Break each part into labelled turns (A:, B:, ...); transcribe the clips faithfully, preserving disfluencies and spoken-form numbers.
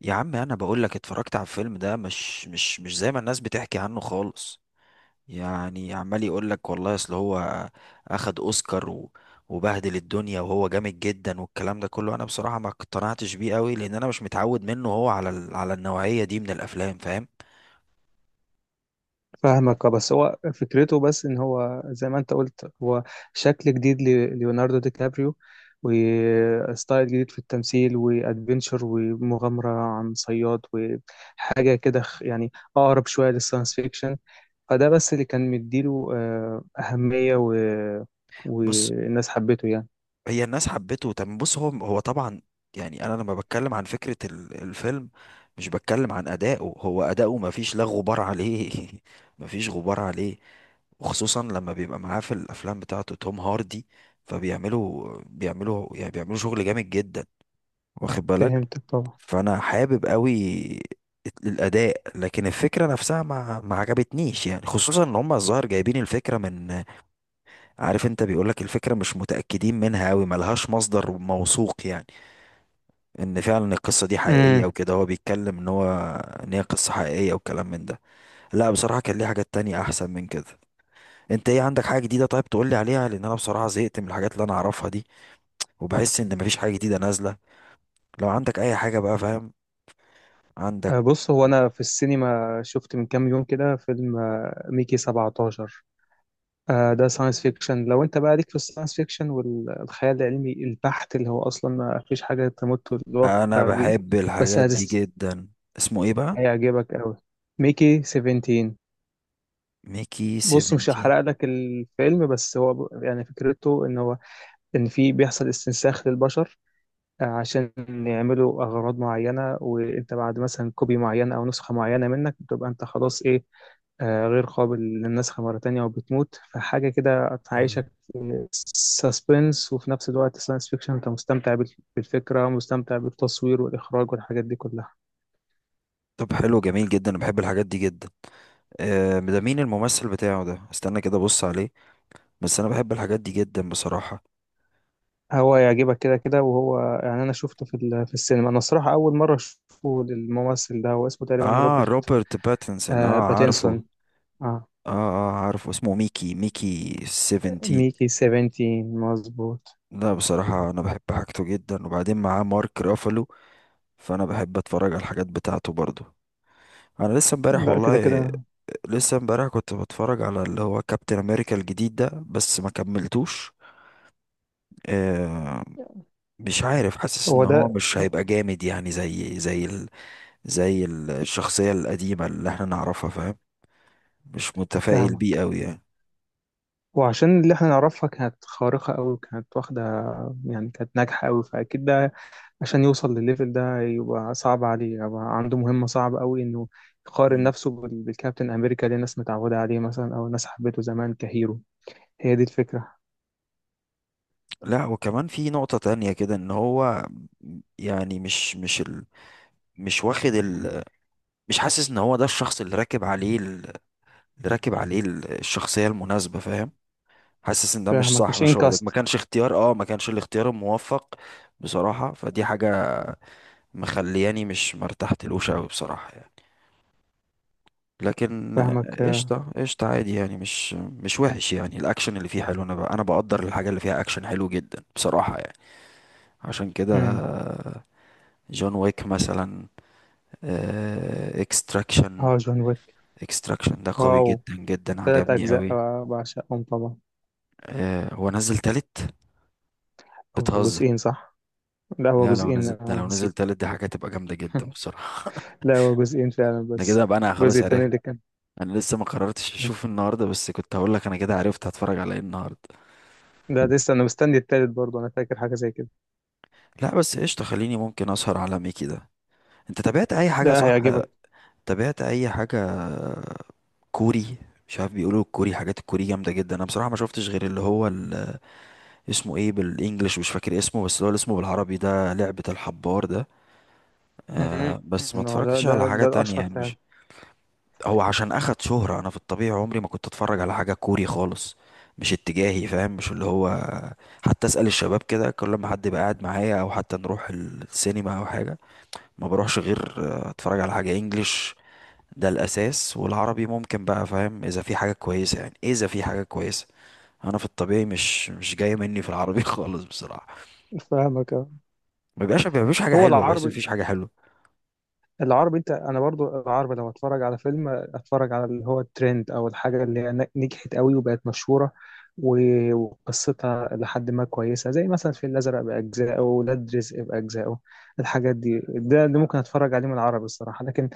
A: يا عم، انا بقول لك اتفرجت على الفيلم ده. مش مش مش زي ما الناس بتحكي عنه خالص. يعني عمال يقول لك والله اصل هو اخد اوسكار و- وبهدل الدنيا وهو جامد جدا، والكلام ده كله انا بصراحة ما اقتنعتش بيه قوي، لان انا مش متعود منه هو على ال- على النوعية دي من الافلام. فاهم؟
B: فاهمك اه، بس هو فكرته بس، ان هو زي ما انت قلت، هو شكل جديد لليوناردو دي كابريو، وستايل جديد في التمثيل وادفنتشر ومغامرة عن صياد وحاجة كده خ- يعني اقرب شوية للساينس فيكشن. فده بس اللي كان مديله آه، أهمية و...
A: بص،
B: والناس حبته يعني.
A: هي الناس حبته. طب بص، هو هو طبعا، يعني انا لما بتكلم عن فكرة ال- الفيلم مش بتكلم عن اداؤه. هو اداؤه ما فيش لا غبار عليه ما فيش غبار عليه، وخصوصا لما بيبقى معاه في الافلام بتاعته توم هاردي، فبيعملوا بيعملوا يعني بيعملوا شغل جامد جدا. واخد بالك؟
B: فهمتك طبعا.
A: فانا حابب قوي الاداء، لكن الفكره نفسها ما ما عجبتنيش، يعني خصوصا ان هم الظاهر جايبين الفكره من، عارف انت؟ بيقولك الفكره مش متاكدين منها قوي، ملهاش مصدر موثوق، يعني ان فعلا القصه دي حقيقيه
B: امم
A: وكده. هو بيتكلم ان هو ان هي قصه حقيقيه وكلام من ده. لا بصراحه كان ليه حاجات تانية احسن من كده. انت ايه عندك حاجة جديدة؟ طيب تقول لي عليها، لان انا بصراحة زهقت من الحاجات اللي انا اعرفها دي، وبحس ان مفيش حاجة جديدة نازلة. لو عندك اي حاجة بقى، فاهم؟ عندك؟
B: بص، هو انا في السينما شفت من كام يوم كده فيلم آه، ميكي سبعة عشر. آه، ده ساينس فيكشن. لو انت بقى ليك في الساينس فيكشن والخيال العلمي البحت اللي هو اصلا ما فيش حاجه تمت
A: انا
B: الواقع بيه،
A: بحب
B: بس
A: الحاجات دي
B: هتست-
A: جدا. اسمه ايه بقى؟
B: هيعجبك قوي. ميكي سبعة عشر.
A: ميكي
B: بص، مش
A: سبعتاشر.
B: هحرق لك الفيلم، بس هو ب- يعني فكرته ان هو ان في بيحصل استنساخ للبشر، آه، عشان يعملوا اغراض معينه. وانت بعد مثلا كوبي معين او نسخه معينه منك بتبقى انت خلاص ايه، آه، غير قابل للنسخ مرة تانية وبتموت. فحاجة كده
A: مم.
B: هتعيشك في سسبنس، وفي نفس الوقت ساينس فيكشن. انت مستمتع بال- بالفكرة، مستمتع بالتصوير والإخراج والحاجات دي كلها.
A: طب حلو، جميل جدا، انا بحب الحاجات دي جدا. آه، ده مين الممثل بتاعه ده؟ استنى كده ابص عليه. بس انا بحب الحاجات دي جدا بصراحة.
B: هو يعجبك كده كده. وهو يعني أنا شفته في, ال- في السينما. أنا الصراحة أول مرة أشوفه للممثل ده. هو اسمه تقريبا
A: اه،
B: روبرت.
A: روبرت باتنسون، اه
B: آه
A: عارفه.
B: باتينسون. آه
A: اه اه عارفه اسمه ميكي، ميكي سبعتاشر.
B: ميكي سبعتاشر، مظبوط.
A: لا بصراحة أنا بحب حاجته جدا، وبعدين معاه مارك رافالو، فأنا بحب أتفرج على الحاجات بتاعته برضو. أنا لسه امبارح
B: لا كده
A: والله،
B: كده.
A: لسه امبارح كنت بتفرج على اللي هو كابتن أمريكا الجديد ده، بس ما كملتوش. آه، مش عارف، حاسس إن
B: هو
A: هو
B: ده.
A: مش
B: آه،
A: هيبقى جامد، يعني زي زي ال زي ال- الشخصية القديمة اللي احنا نعرفها. فاهم؟ مش متفائل بيه
B: فاهمك.
A: أوي يعني.
B: وعشان اللي احنا نعرفها كانت خارقة أوي، كانت واخدة يعني، كانت ناجحة أوي. فأكيد ده عشان يوصل للليفل ده يبقى صعب عليه، يبقى عنده مهمة صعبة أوي إنه يقارن
A: مم.
B: نفسه بال- بالكابتن أمريكا اللي الناس متعودة عليه، مثلا، أو الناس حبته زمان كهيرو. هي دي الفكرة.
A: لا وكمان في نقطة تانية كده إن هو، يعني مش مش ال مش واخد مش حاسس ان هو ده الشخص اللي راكب عليه ال- اللي راكب عليه ال- الشخصية المناسبة. فاهم؟ حاسس ان ده مش
B: فاهمك،
A: صح،
B: مش
A: مش هو ده. ما
B: إنكاست.
A: كانش اختيار، اه ما كانش الاختيار الموفق. بصراحة فدي حاجة مخلياني مش مرتحتلوش قوي بصراحة يعني، لكن آه،
B: فاهمك. آه،
A: قشطة. قشطة عادي يعني. مش مش وحش، يعني الاكشن اللي فيه حلو. انا ب- انا بقدر الحاجة اللي فيها اكشن حلو جدا بصراحة يعني. عشان كده
B: مم.
A: آه، جون ويك مثلا، آه، اكستراكشن.
B: اه، جون ويك.
A: اكستراكشن ده قوي
B: واو،
A: جدا جدا،
B: تلات
A: عجبني
B: أجزاء
A: قوي.
B: آه، بعشقهم طبعا.
A: آه، هو نزل تالت؟
B: أو
A: بتهزر؟
B: جزئين، صح؟ لا، هو
A: لا، لو
B: جزئين،
A: نزل ده،
B: أنا
A: لو نزل
B: نسيت.
A: تالت دي حاجة تبقى جامدة جدا بصراحة.
B: لا، هو جزئين فعلا
A: ده
B: بس.
A: كده بقى انا
B: الجزء
A: خلاص
B: التاني
A: عرفت.
B: اللي كان،
A: انا لسه ما قررتش اشوف النهارده، بس كنت هقول لك انا كده عرفت هتفرج على ايه النهارده.
B: ده لسه انا مستني التالت برضه، انا فاكر حاجه زي كده.
A: لا بس قشطة، خليني ممكن اسهر على ميكي ده. انت تابعت اي حاجة؟
B: ده
A: صح،
B: هيعجبك.
A: تابعت اي حاجة كوري؟ مش عارف، بيقولوا الكوري، حاجات الكوري جامدة جدا. انا بصراحة ما شفتش غير اللي هو ال- اسمه ايه بالانجلش، مش فاكر اسمه، بس اللي هو اللي اسمه بالعربي ده لعبة الحبار ده.
B: أمم،
A: آه، بس ما
B: هو ده
A: اتفرجتش على
B: ده
A: حاجة
B: ده
A: تانية
B: الاشهر
A: يعني،
B: فعلا.
A: مش. هو عشان اخد شهرة. انا في الطبيعي عمري ما كنت اتفرج على حاجة كوري خالص. مش اتجاهي، فاهم؟ مش اللي هو. حتى اسأل الشباب كده، كل ما حد يبقى قاعد معايا او حتى نروح السينما او حاجة، ما بروحش غير آه، اتفرج على حاجة انجليش. ده الاساس. والعربي ممكن بقى، فاهم؟ اذا في حاجة كويسة، يعني اذا في حاجة كويسة. انا في الطبيعي مش مش جاي مني في العربي خالص بصراحة.
B: فاهمك أه.
A: ما بيبقاش ما بيبقاش حاجة
B: هو
A: حلوة، بحس
B: العربي،
A: مفيش حاجة حلوة.
B: العربي انت انا برضو، العربي لو اتفرج على فيلم اتفرج على اللي هو الترند او الحاجه اللي هي ن- نجحت قوي وبقت مشهوره و- وقصتها لحد ما كويسه، زي مثلا الفيل الازرق باجزائه، ولاد رزق باجزائه. الحاجات دي، ده, ده ممكن اتفرج عليه من العربي الصراحه. لكن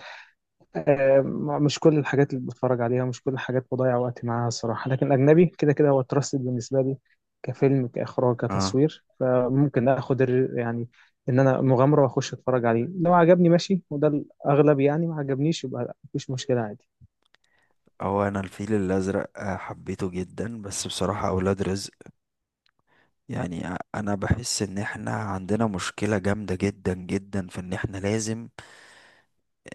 B: آه، مش كل الحاجات اللي بتفرج عليها، مش كل الحاجات بضيع وقتي معاها الصراحة. لكن الأجنبي كده كده هو تراستد بالنسبة لي، كفيلم، كإخراج،
A: اه.
B: كتصوير. فممكن آخد ال- يعني إن أنا مغامرة وأخش أتفرج عليه. لو عجبني ماشي، وده الأغلب. يعني ما عجبنيش يبقى مفيش مشكلة، عادي.
A: هو انا الفيل الازرق آه، حبيته جدا، بس بصراحة اولاد رزق، يعني ع- انا بحس ان احنا عندنا مشكلة جامدة جدا جدا في ان احنا لازم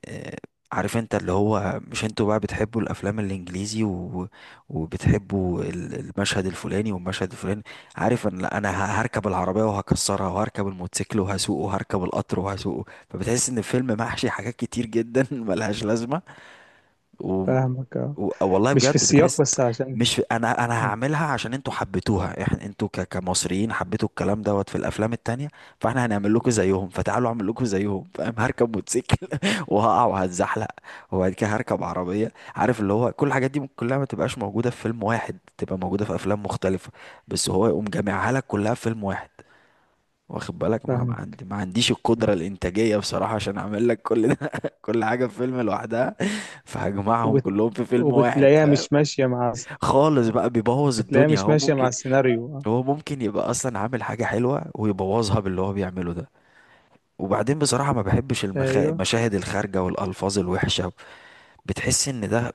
A: آه، عارف انت اللي هو مش، انتوا بقى بتحبوا الافلام الانجليزي، و... وبتحبوا ال- المشهد الفلاني والمشهد الفلاني، عارف ان لا، انا ه- هركب العربية وهكسرها، وهركب الموتوسيكل وهسوقه، وهركب القطر وهسوقه. فبتحس ان الفيلم محشي حاجات كتير جدا ملهاش لازمة. و...
B: فاهمك آه.
A: و... والله
B: مش في
A: بجد
B: السياق،
A: بتحس،
B: بس عشان
A: مش انا انا
B: مم،
A: هعملها عشان انتوا حبيتوها. احنا انتوا ك... كمصريين حبيتوا الكلام دوت في الافلام التانية، فاحنا هنعمل لكم زيهم. فتعالوا اعمل لكم زيهم، فاهم؟ هركب موتوسيكل وهقع وهتزحلق، وبعد كده هركب عربية. عارف اللي هو كل الحاجات دي ممكن كلها ما تبقاش موجودة في فيلم واحد، تبقى موجودة في افلام مختلفة، بس هو يقوم جامعها لك كلها في فيلم واحد. واخد بالك؟ ما ما
B: فاهمك.
A: عندي ما عنديش
B: مم.
A: القدرة الإنتاجية بصراحة عشان أعمل لك كل ده كل حاجة في فيلم لوحدها، فهجمعهم
B: وبت...
A: كلهم في فيلم واحد،
B: وبتلاقيها
A: فاهم؟
B: مش ماشية مع...
A: خالص بقى، بيبوظ
B: بتلاقيها
A: الدنيا.
B: مش
A: هو
B: ماشية مع
A: ممكن،
B: السيناريو آه.
A: هو ممكن يبقى أصلا عامل حاجة حلوة ويبوظها باللي هو بيعمله ده. وبعدين بصراحة ما بحبش المخا...
B: أيوه.
A: المشاهد الخارجة والألفاظ الوحشة. بتحس إن ده،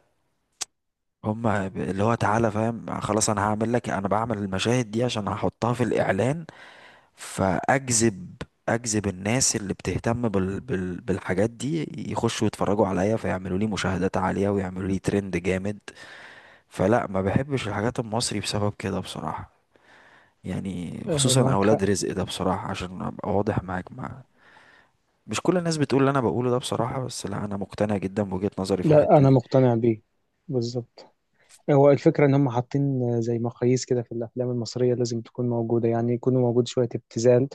A: هما ب- اللي هو تعالى، فاهم؟ خلاص أنا هعمل لك، أنا بعمل المشاهد دي عشان هحطها في الإعلان. فاجذب، اجذب الناس اللي بتهتم بال... بال... بالحاجات دي، يخشوا يتفرجوا عليا، فيعملوا لي مشاهدات عالية ويعملوا لي ترند جامد. فلا، ما بحبش الحاجات المصري بسبب كده بصراحة، يعني
B: آه،
A: خصوصا
B: معاك
A: اولاد
B: حق.
A: رزق ده بصراحة. عشان ابقى واضح معاك مع، مش كل الناس بتقول اللي انا بقوله ده بصراحة، بس لا انا مقتنع جدا بوجهة نظري في
B: لا،
A: الحتة
B: أنا
A: دي.
B: مقتنع بيه، بالظبط. هو الفكرة إن هم حاطين زي مقاييس كده في الأفلام المصرية لازم تكون موجودة. يعني يكون موجود شوية ابتذال،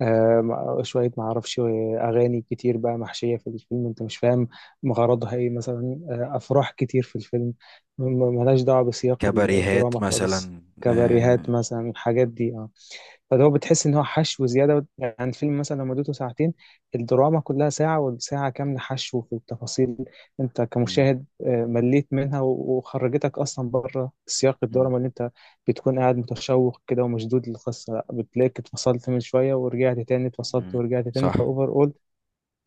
B: آه، مع- شوية معرفش، أغاني كتير بقى محشية في الفيلم، أنت مش فاهم غرضها إيه مثلا. آه، أفراح كتير في الفيلم، م- ملهاش دعوة بسياق
A: كباريهات
B: الدراما خالص.
A: مثلا. آه،
B: كباريهات مثلا، الحاجات دي آه. فاللي هو بتحس ان هو حشو زياده. يعني الفيلم مثلا لو مدته ساعتين، الدراما كلها ساعه، والساعه كامله حشو في التفاصيل. انت
A: مم،
B: كمشاهد آه، مليت منها و- وخرجتك اصلا بره سياق
A: مم،
B: الدراما اللي انت بتكون قاعد متشوق كده ومشدود للقصه. لا، بتلاقيك اتفصلت من شويه ورجعت تاني، اتفصلت
A: مم،
B: ورجعت تاني،
A: صح.
B: فاوفر اول.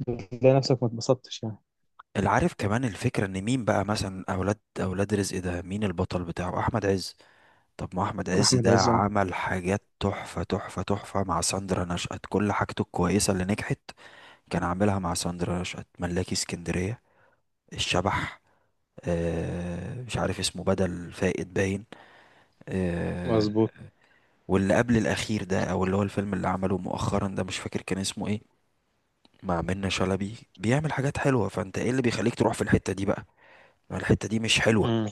B: بتلاقي نفسك ما اتبسطتش يعني.
A: العارف كمان الفكرة ان مين بقى مثلا اولاد اولاد رزق ده؟ مين البطل بتاعه؟ احمد عز. طب ما احمد عز
B: احمد
A: ده
B: عز أهو.
A: عمل حاجات تحفة تحفة تحفة مع ساندرا نشأت. كل حاجته الكويسة اللي نجحت كان عاملها مع ساندرا نشأت. ملاكي اسكندرية، الشبح، آه مش عارف اسمه، بدل فائد باين، آه.
B: مظبوط.
A: واللي قبل الاخير ده او اللي هو الفيلم اللي عمله مؤخرا ده مش فاكر كان اسمه ايه، مع منة شلبي. بيعمل حاجات حلوة، فانت ايه اللي بيخليك تروح في الحتة دي بقى؟ ما الحتة دي مش حلوة.
B: مم.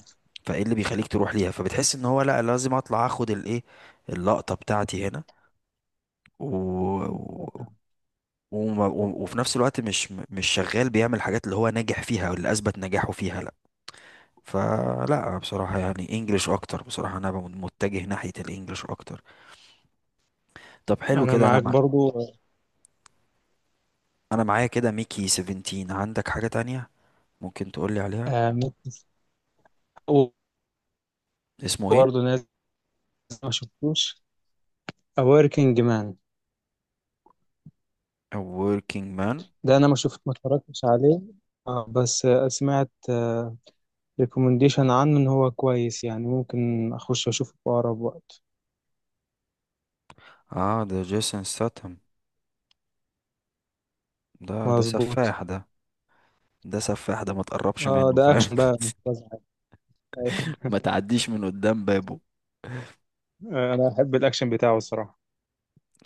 A: فايه اللي بيخليك تروح ليها؟ فبتحس ان هو لا، لازم اطلع اخد الايه، اللقطة بتاعتي هنا. و... و... وما- و... وفي نفس الوقت مش مش شغال بيعمل حاجات اللي هو ناجح فيها او اللي اثبت نجاحه فيها. لا، فلا بصراحة يعني انجلش اكتر بصراحة. انا ب- متجه ناحية الانجليش اكتر. طب حلو
B: انا
A: كده. انا
B: معاك
A: مع...
B: برضو.
A: انا معايا كده ميكي سبعتاشر. عندك حاجة تانية ممكن تقولي عليها؟
B: آه، ممكن-
A: اسمه ايه؟
B: وبرضو نازل، ما شفتوش A Working Man.
A: A working man.
B: ده انا ما شفت، ما اتفرجتش عليه، اه، بس آه، سمعت ريكومنديشن عنه ان هو كويس. يعني ممكن اخش اشوفه في اقرب وقت.
A: اه ده جيسون ستاتم. ده ده
B: مظبوط.
A: سفاح ده، ده سفاح ده، ما تقربش
B: اه،
A: منه،
B: ده
A: فاهم؟
B: اكشن بقى، مش فزع.
A: ما تعديش من قدام بابه.
B: آه، انا احب الاكشن بتاعه الصراحه.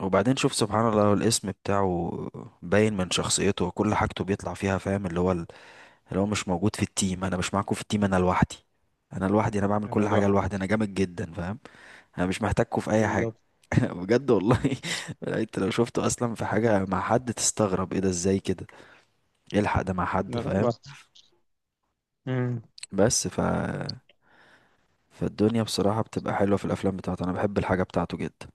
A: وبعدين شوف سبحان الله، الاسم بتاعه باين من شخصيته وكل حاجته بيطلع فيها. فاهم؟ اللي هو ال- اللي هو مش موجود في التيم، انا مش معاكم في التيم، انا لوحدي، انا لوحدي، انا بعمل كل
B: انا
A: حاجه
B: لوحدي.
A: لوحدي، انا جامد جدا. فاهم؟ انا مش محتاجكم في اي حاجه.
B: بالظبط.
A: بجد والله. انت لو شفته اصلا في حاجه مع حد تستغرب، ايه ده ازاي كده يلحق ده مع
B: لا
A: حد،
B: لا.
A: فاهم؟
B: بقى.
A: بس ف فالدنيا بصراحه بتبقى حلوه في الافلام بتاعته، انا بحب الحاجه بتاعته جدا.